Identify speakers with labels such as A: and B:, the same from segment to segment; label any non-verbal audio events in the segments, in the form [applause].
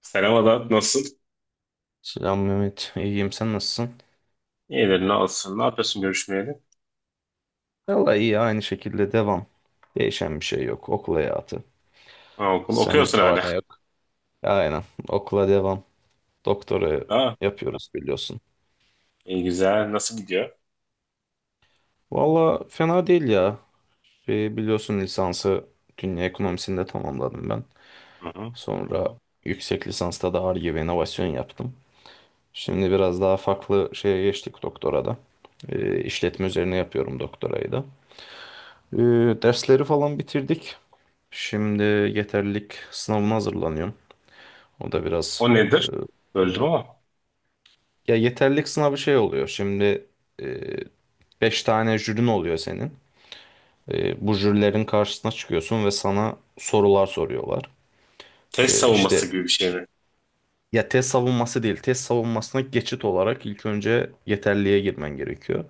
A: Selam Ada, nasılsın?
B: Selam Mehmet. İyiyim. Sen nasılsın?
A: İyidir, ne olsun? Ne yapıyorsun görüşmeyeli?
B: Vallahi iyi. Aynı şekilde devam. Değişen bir şey yok. Okul hayatı.
A: Ha, okul
B: Sende
A: okuyorsun
B: ne var
A: hala.
B: ne yok? Aynen. Okula devam. Doktora
A: Ha,
B: yapıyoruz biliyorsun.
A: iyi güzel. Nasıl gidiyor?
B: Vallahi fena değil ya. Biliyorsun lisansı dünya ekonomisinde tamamladım ben.
A: Hı hı.
B: Sonra yüksek lisansta da Ar-Ge ve inovasyon yaptım. Şimdi biraz daha farklı şeye geçtik doktorada. İşletme üzerine yapıyorum doktorayı da. Ee, dersleri falan bitirdik. Şimdi yeterlilik sınavına hazırlanıyorum. O da biraz
A: O
B: e,
A: nedir? Böldüm ama.
B: ya yeterlilik sınavı şey oluyor. Şimdi 5 tane jürin oluyor senin. Bu jürilerin karşısına çıkıyorsun ve sana sorular soruyorlar.
A: Test
B: İşte
A: savunması gibi bir şey mi?
B: ya test savunması değil, test savunmasına geçit olarak ilk önce yeterliğe girmen gerekiyor.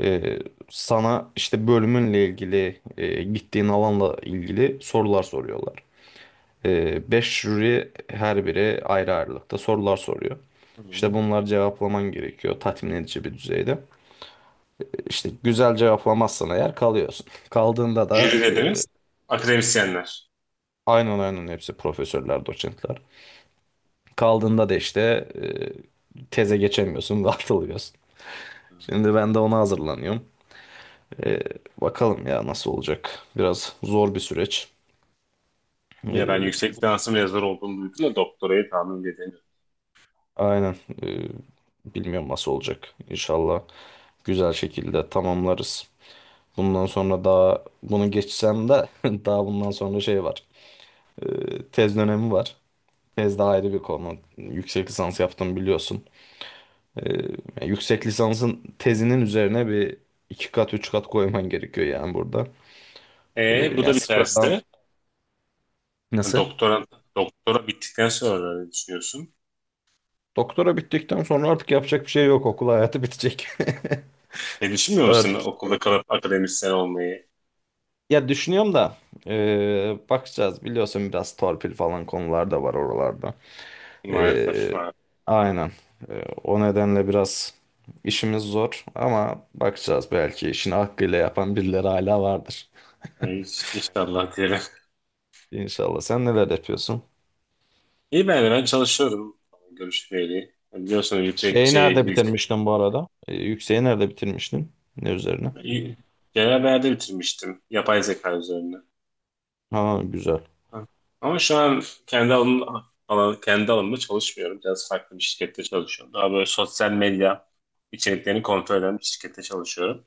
B: E, sana işte bölümünle ilgili, gittiğin alanla ilgili sorular soruyorlar. 5 jüri her biri ayrı ayrılıkta sorular soruyor. İşte
A: Hı.
B: bunları cevaplaman gerekiyor tatmin edici bir düzeyde. İşte güzel cevaplamazsan eğer kalıyorsun. [laughs] Kaldığında
A: Jüri
B: da
A: dediğimiz akademisyenler.
B: aynen, aynen, hepsi profesörler, doçentler. Kaldığında da işte e, teze geçemiyorsun ve [laughs] atılıyorsun.
A: Hı.
B: Şimdi ben de ona hazırlanıyorum. E, bakalım ya nasıl olacak. Biraz zor bir süreç.
A: Ya ben
B: E,
A: yüksek lisansım yazar olduğunu duydum da doktorayı tahmin edemiyorum.
B: aynen. E, bilmiyorum nasıl olacak. İnşallah güzel şekilde tamamlarız. Bundan sonra daha bunu geçsem de [laughs] daha bundan sonra şey var. Tez dönemi var. Tez daha ayrı bir konu. Yüksek lisans yaptım biliyorsun. Ee, yani yüksek lisansın tezinin üzerine bir iki kat üç kat koyman gerekiyor yani burada.
A: Bu da
B: Yani sıfırdan
A: biterse
B: nasıl?
A: doktora doktora bittikten sonra ne düşünüyorsun?
B: Doktora bittikten sonra artık yapacak bir şey yok. Okul hayatı bitecek.
A: Ne
B: [laughs]
A: düşünmüyor musun
B: Artık.
A: okulda kalıp akademisyen olmayı?
B: Ya düşünüyorum da bakacağız biliyorsun biraz torpil falan konular da var oralarda.
A: Maalesef.
B: Ee,
A: Ha.
B: aynen. O nedenle biraz işimiz zor ama bakacağız belki işini hakkıyla yapan birileri hala vardır.
A: Hiç, inşallah diyelim.
B: İnşallah. Sen neler yapıyorsun?
A: İyi, ben de ben çalışıyorum. Görüşmeyeli. Biliyorsunuz, yüksek
B: Şeyi
A: şey,
B: nerede
A: yüksek.
B: bitirmiştin bu arada? Yükseği nerede bitirmiştin? Ne üzerine?
A: Genel beğende bitirmiştim. Yapay zeka üzerine.
B: Ha güzel.
A: Ha. Ama şu an kendi alanım, alan, kendi alanımda çalışmıyorum. Biraz farklı bir şirkette çalışıyorum. Daha böyle sosyal medya içeriklerini kontrol eden bir şirkette çalışıyorum.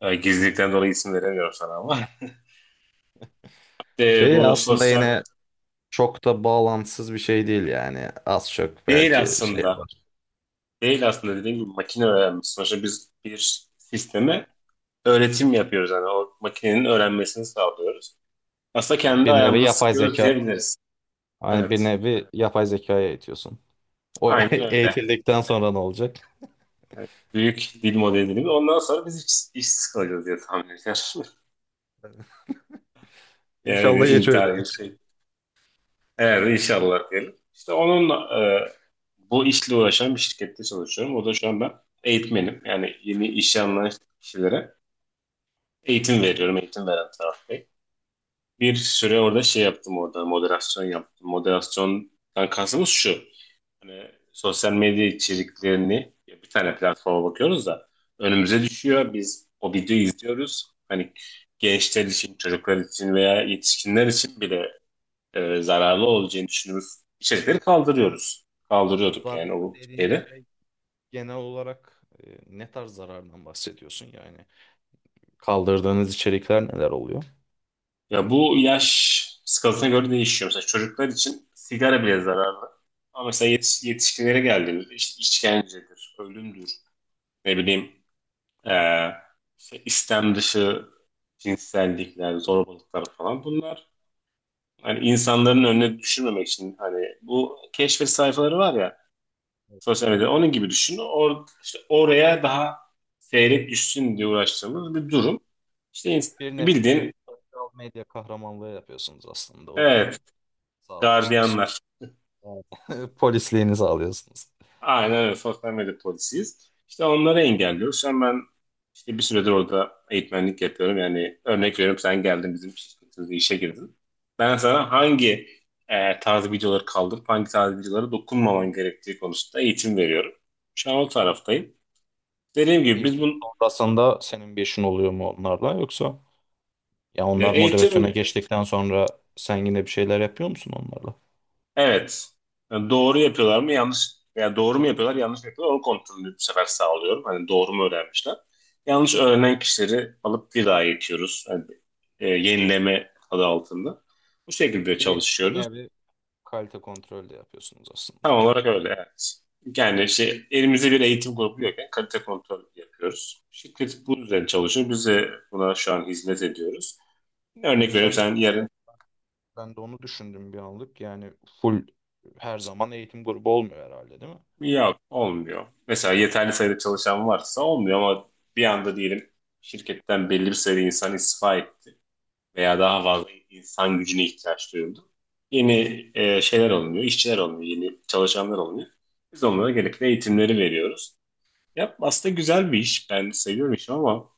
A: Gizlilikten dolayı isim veremiyorum sana ama. [laughs] De,
B: Şey
A: bu
B: aslında
A: sosyal
B: yine çok da bağlantısız bir şey değil yani. Az çok
A: değil
B: belki şeye
A: aslında.
B: var.
A: Değil aslında, dediğim gibi makine öğrenmesi. Sonuçta biz bir sisteme öğretim yapıyoruz. Yani o makinenin öğrenmesini sağlıyoruz. Aslında kendi
B: Bir nevi
A: ayağımızı
B: yapay
A: sıkıyoruz
B: zeka.
A: diyebiliriz.
B: Hani
A: Evet.
B: bir nevi yapay zekaya eğitiyorsun. O [laughs]
A: Aynen öyle.
B: eğitildikten sonra ne olacak?
A: Evet. Büyük dil modelini. Ondan sonra biz işsiz kalacağız diye tahmin ediyorum. [laughs] Yani
B: İnşallah geç öyle.
A: intihar gibi bir şey. Evet, inşallah diyelim. İşte onunla bu işle uğraşan bir şirkette çalışıyorum. O da şu an ben eğitmenim. Yani yeni işe alınan kişilere eğitim veriyorum. Eğitim veren taraf. Bir süre orada şey yaptım, orada moderasyon yaptım. Moderasyondan kastımız şu. Hani sosyal medya içeriklerini, ya, bir tane platforma bakıyoruz da önümüze düşüyor. Biz o videoyu izliyoruz. Hani gençler için, çocuklar için veya yetişkinler için bile zararlı olacağını düşündüğümüz içerikleri kaldırıyoruz.
B: Bu
A: Kaldırıyorduk
B: zarar
A: yani o
B: dediğin
A: şeyde.
B: şey genel olarak ne tarz zarardan bahsediyorsun yani? Kaldırdığınız içerikler neler oluyor?
A: Ya bu yaş skalasına göre değişiyor. Mesela çocuklar için sigara bile zararlı. Ama mesela yetişkinlere geldiğinde işte işkencedir, ölümdür, ne bileyim, eee, işte istem dışı cinsellikler, zorbalıklar falan, bunlar hani insanların önüne düşürmemek için, hani bu keşfet sayfaları var ya sosyal medyada, onun gibi düşün. İşte oraya daha seyrek düşsün diye uğraştığımız bir durum. İşte,
B: Bir nevi
A: bildiğin,
B: sosyal medya kahramanlığı yapıyorsunuz aslında.
A: evet,
B: Oranın sağlıyorsunuz.
A: gardiyanlar.
B: Evet. [laughs] Polisliğini sağlıyorsunuz.
A: Aynen öyle. Sosyal medya polisiyiz. İşte onları engelliyoruz. Şu an ben işte bir süredir orada eğitmenlik yapıyorum. Yani örnek veriyorum, sen geldin, bizim şirketimizde işe girdin. Ben sana hangi tarz videoları kaldırıp hangi tarz videolara dokunmaman gerektiği konusunda eğitim veriyorum. Şu an o taraftayım. Dediğim gibi biz
B: Eğitim
A: bu
B: sonrasında senin bir işin oluyor mu onlarla yoksa ya onlar
A: eğitim.
B: moderasyona geçtikten sonra sen yine bir şeyler yapıyor musun onlarla?
A: Evet. Yani doğru yapıyorlar mı yanlış, yani doğru mu yapıyorlar yanlış mı yapıyorlar onu kontrolünü bu sefer sağlıyorum. Hani doğru mu öğrenmişler. Yanlış öğrenen kişileri alıp bir daha eğitiyoruz. Yani, yenileme adı altında. Bu şekilde
B: Bir
A: çalışıyoruz.
B: nevi kalite kontrolü de yapıyorsunuz aslında.
A: Tam olarak öyle, evet. Yani şey, elimizde bir eğitim grubu yokken kalite kontrol yapıyoruz. Şirket bu üzerine çalışıyor. Biz de buna şu an hizmet ediyoruz. Örnek veriyorum,
B: Sen de
A: sen yarın...
B: Ben de onu düşündüm bir anlık. Yani full her zaman eğitim grubu olmuyor herhalde değil mi?
A: Yok, olmuyor. Mesela yeterli sayıda çalışan varsa olmuyor ama bir anda diyelim şirketten belli bir sayıda insan istifa etti veya daha fazla insan gücüne ihtiyaç duyuldu. Yeni şeyler alınıyor, işçiler alınıyor, yeni çalışanlar alınıyor. Biz onlara gerekli eğitimleri veriyoruz. Ya aslında güzel bir iş. Ben seviyorum işimi ama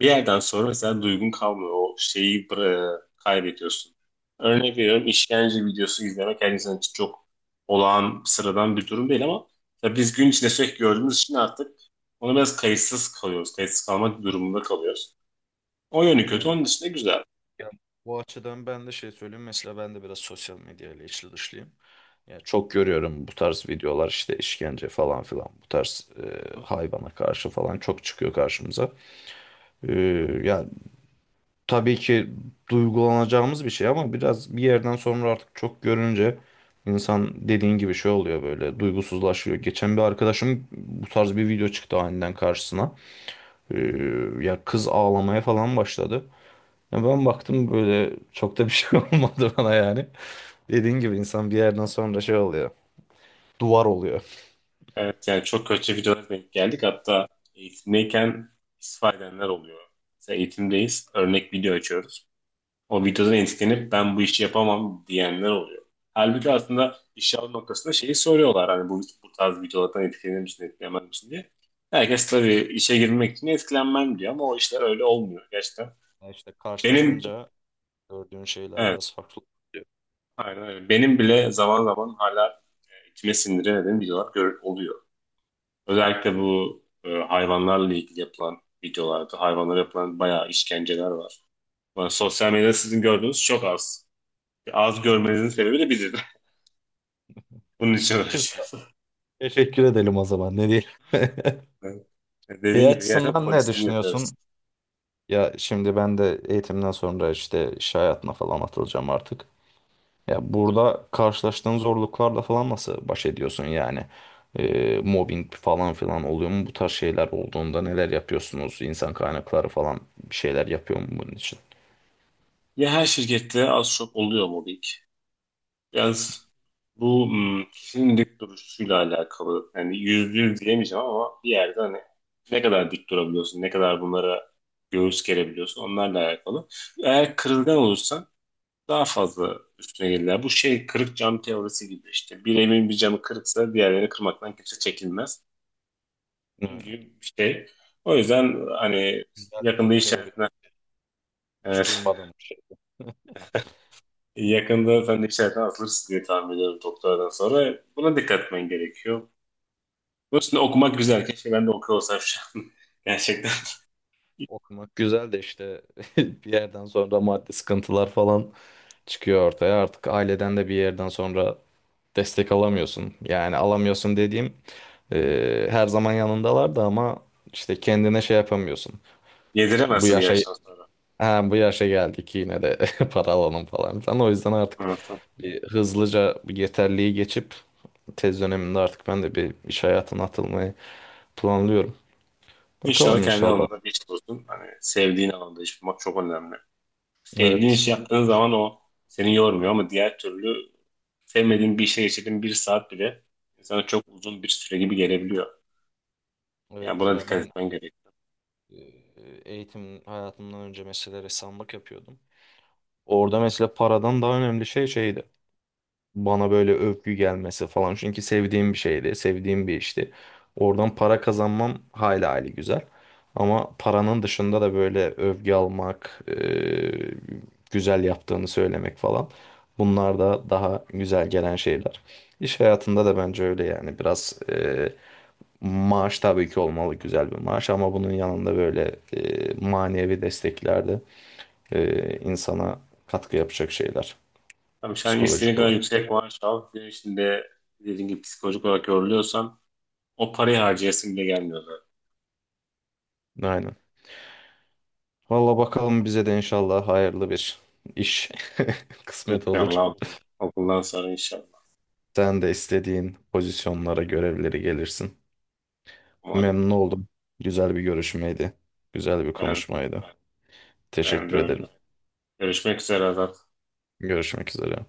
A: bir yerden sonra mesela duygun kalmıyor. O şeyi kaybediyorsun. Örnek veriyorum, işkence videosu izlemek her insan için çok olağan sıradan bir durum değil ama tabii biz gün içinde sürekli gördüğümüz için artık ona biraz kayıtsız kalıyoruz. Kayıtsız kalmak durumunda kalıyoruz. O yönü kötü.
B: Aynen.
A: Onun dışında güzel.
B: Yani bu açıdan ben de şey söyleyeyim. Mesela ben de biraz sosyal medyayla içli dışlıyım. Yani çok görüyorum bu tarz videolar işte işkence falan filan. Bu tarz hayvana karşı falan çok çıkıyor karşımıza. E, yani tabii ki duygulanacağımız bir şey ama biraz bir yerden sonra artık çok görünce insan dediğin gibi şey oluyor böyle duygusuzlaşıyor. Geçen bir arkadaşım bu tarz bir video çıktı aniden karşısına. Ee, ya kız ağlamaya falan başladı. Ya ben baktım böyle çok da bir şey [laughs] olmadı bana yani. Dediğin gibi insan bir yerden sonra şey oluyor. Duvar oluyor.
A: Evet, yani çok kötü videolara denk geldik. Hatta eğitimdeyken istifa edenler oluyor. Mesela eğitimdeyiz. Örnek video açıyoruz. O videodan etkilenip ben bu işi yapamam diyenler oluyor. Halbuki aslında işe alım noktasında şeyi soruyorlar hani bu tarz videolardan etkilenir misin, etkilenmez misin diye. Herkes tabii işe girmek için etkilenmem diyor ama o işler öyle olmuyor gerçekten.
B: Ya İşte
A: Benim,
B: karşılaşınca gördüğün şeyler
A: evet,
B: biraz farklı oluyor.
A: aynen öyle. Benim bile zaman zaman hala içime sindiremediğim videolar oluyor. Özellikle bu hayvanlarla ilgili yapılan videolarda hayvanlara yapılan bayağı işkenceler var. Yani sosyal medyada sizin gördüğünüz çok az. Az görmenizin sebebi de biziz. [laughs] Bunun için
B: Siz- [laughs]
A: uğraşıyoruz.
B: Teşekkür edelim o zaman ne diyelim. [laughs]
A: Evet.
B: Bir
A: Dediğin gibi gerçekten
B: açısından ne
A: polisliğini yapıyoruz.
B: düşünüyorsun? Ya şimdi ben de eğitimden sonra işte iş hayatına falan atılacağım artık. Ya burada karşılaştığın zorluklarla falan nasıl baş ediyorsun yani? Mobbing falan filan oluyor mu? Bu tarz şeyler olduğunda neler yapıyorsunuz? İnsan kaynakları falan bir şeyler yapıyor mu bunun için?
A: Ya her şirkette az çok oluyor mobbing. Biraz bu kişinin dik duruşuyla alakalı. Yani yüzde yüz diyemeyeceğim ama bir yerde hani ne kadar dik durabiliyorsun, ne kadar bunlara göğüs gerebiliyorsun, onlarla alakalı. Eğer kırılgan olursan daha fazla üstüne gelirler. Bu şey kırık cam teorisi gibi işte. Bir evin bir camı kırıksa diğerlerini kırmaktan kimse çekinmez. Bunun
B: Aynen.
A: gibi bir şey. O yüzden hani
B: Güzel bir
A: yakında iş
B: teori.
A: hayatına...
B: Hiç
A: Evet.
B: duymadım bir şey.
A: Yakında sen de işlerden atılırsın diye tahmin ediyorum doktoradan sonra. Buna dikkat etmen gerekiyor. Bunun için de okumak güzel. Keşke ben de okuyor olsam şu an. [laughs] Gerçekten
B: Okumak güzel de işte [laughs] bir yerden sonra maddi sıkıntılar falan çıkıyor ortaya. Artık aileden de bir yerden sonra destek alamıyorsun. Yani alamıyorsun dediğim her zaman yanındalar da ama işte kendine şey yapamıyorsun. Bu
A: yediremezsin bir
B: yaşa
A: yaştan sonra.
B: Ha, bu yaşa geldik yine de [laughs] para alalım falan filan. O yüzden artık
A: Evet. Evet.
B: bir hızlıca bir yeterliği geçip tez döneminde artık ben de bir iş hayatına atılmayı planlıyorum.
A: İnşallah
B: Bakalım
A: kendi
B: inşallah.
A: alanında bir iş bulursun. Hani sevdiğin alanda iş bulmak çok önemli. Sevdiğin
B: Evet.
A: işi yaptığın zaman o seni yormuyor ama diğer türlü sevmediğin bir işe geçirdiğin bir saat bile insana çok uzun bir süre gibi gelebiliyor. Yani
B: Evet
A: buna
B: ya
A: dikkat
B: ben
A: etmen gerekiyor.
B: e, eğitim hayatımdan önce mesela ressamlık yapıyordum. Orada mesela paradan daha önemli şey şeydi. Bana böyle övgü gelmesi falan. Çünkü sevdiğim bir şeydi, sevdiğim bir işti. Oradan para kazanmam hayli hayli güzel. Ama paranın dışında da böyle övgü almak, güzel yaptığını söylemek falan. Bunlar da daha güzel gelen şeyler. İş hayatında da bence öyle yani biraz maaş tabii ki olmalı güzel bir maaş ama bunun yanında böyle manevi desteklerde insana katkı yapacak şeyler
A: Tabii sen istediğin
B: psikolojik
A: kadar
B: olarak.
A: yüksek maaş al. Gün içinde dediğin gibi psikolojik olarak yoruluyorsan o parayı harcayasım bile gelmiyor zaten.
B: Aynen. Valla bakalım bize de inşallah hayırlı bir iş [laughs] kısmet olur.
A: İnşallah bu okuldan sonra inşallah.
B: Sen de istediğin pozisyonlara, görevleri gelirsin.
A: Umarım.
B: Memnun oldum. Güzel bir görüşmeydi. Güzel bir
A: Ben,
B: konuşmaydı.
A: ben de
B: Teşekkür
A: öyle.
B: ederim.
A: Görüşmek üzere Azat.
B: Görüşmek üzere.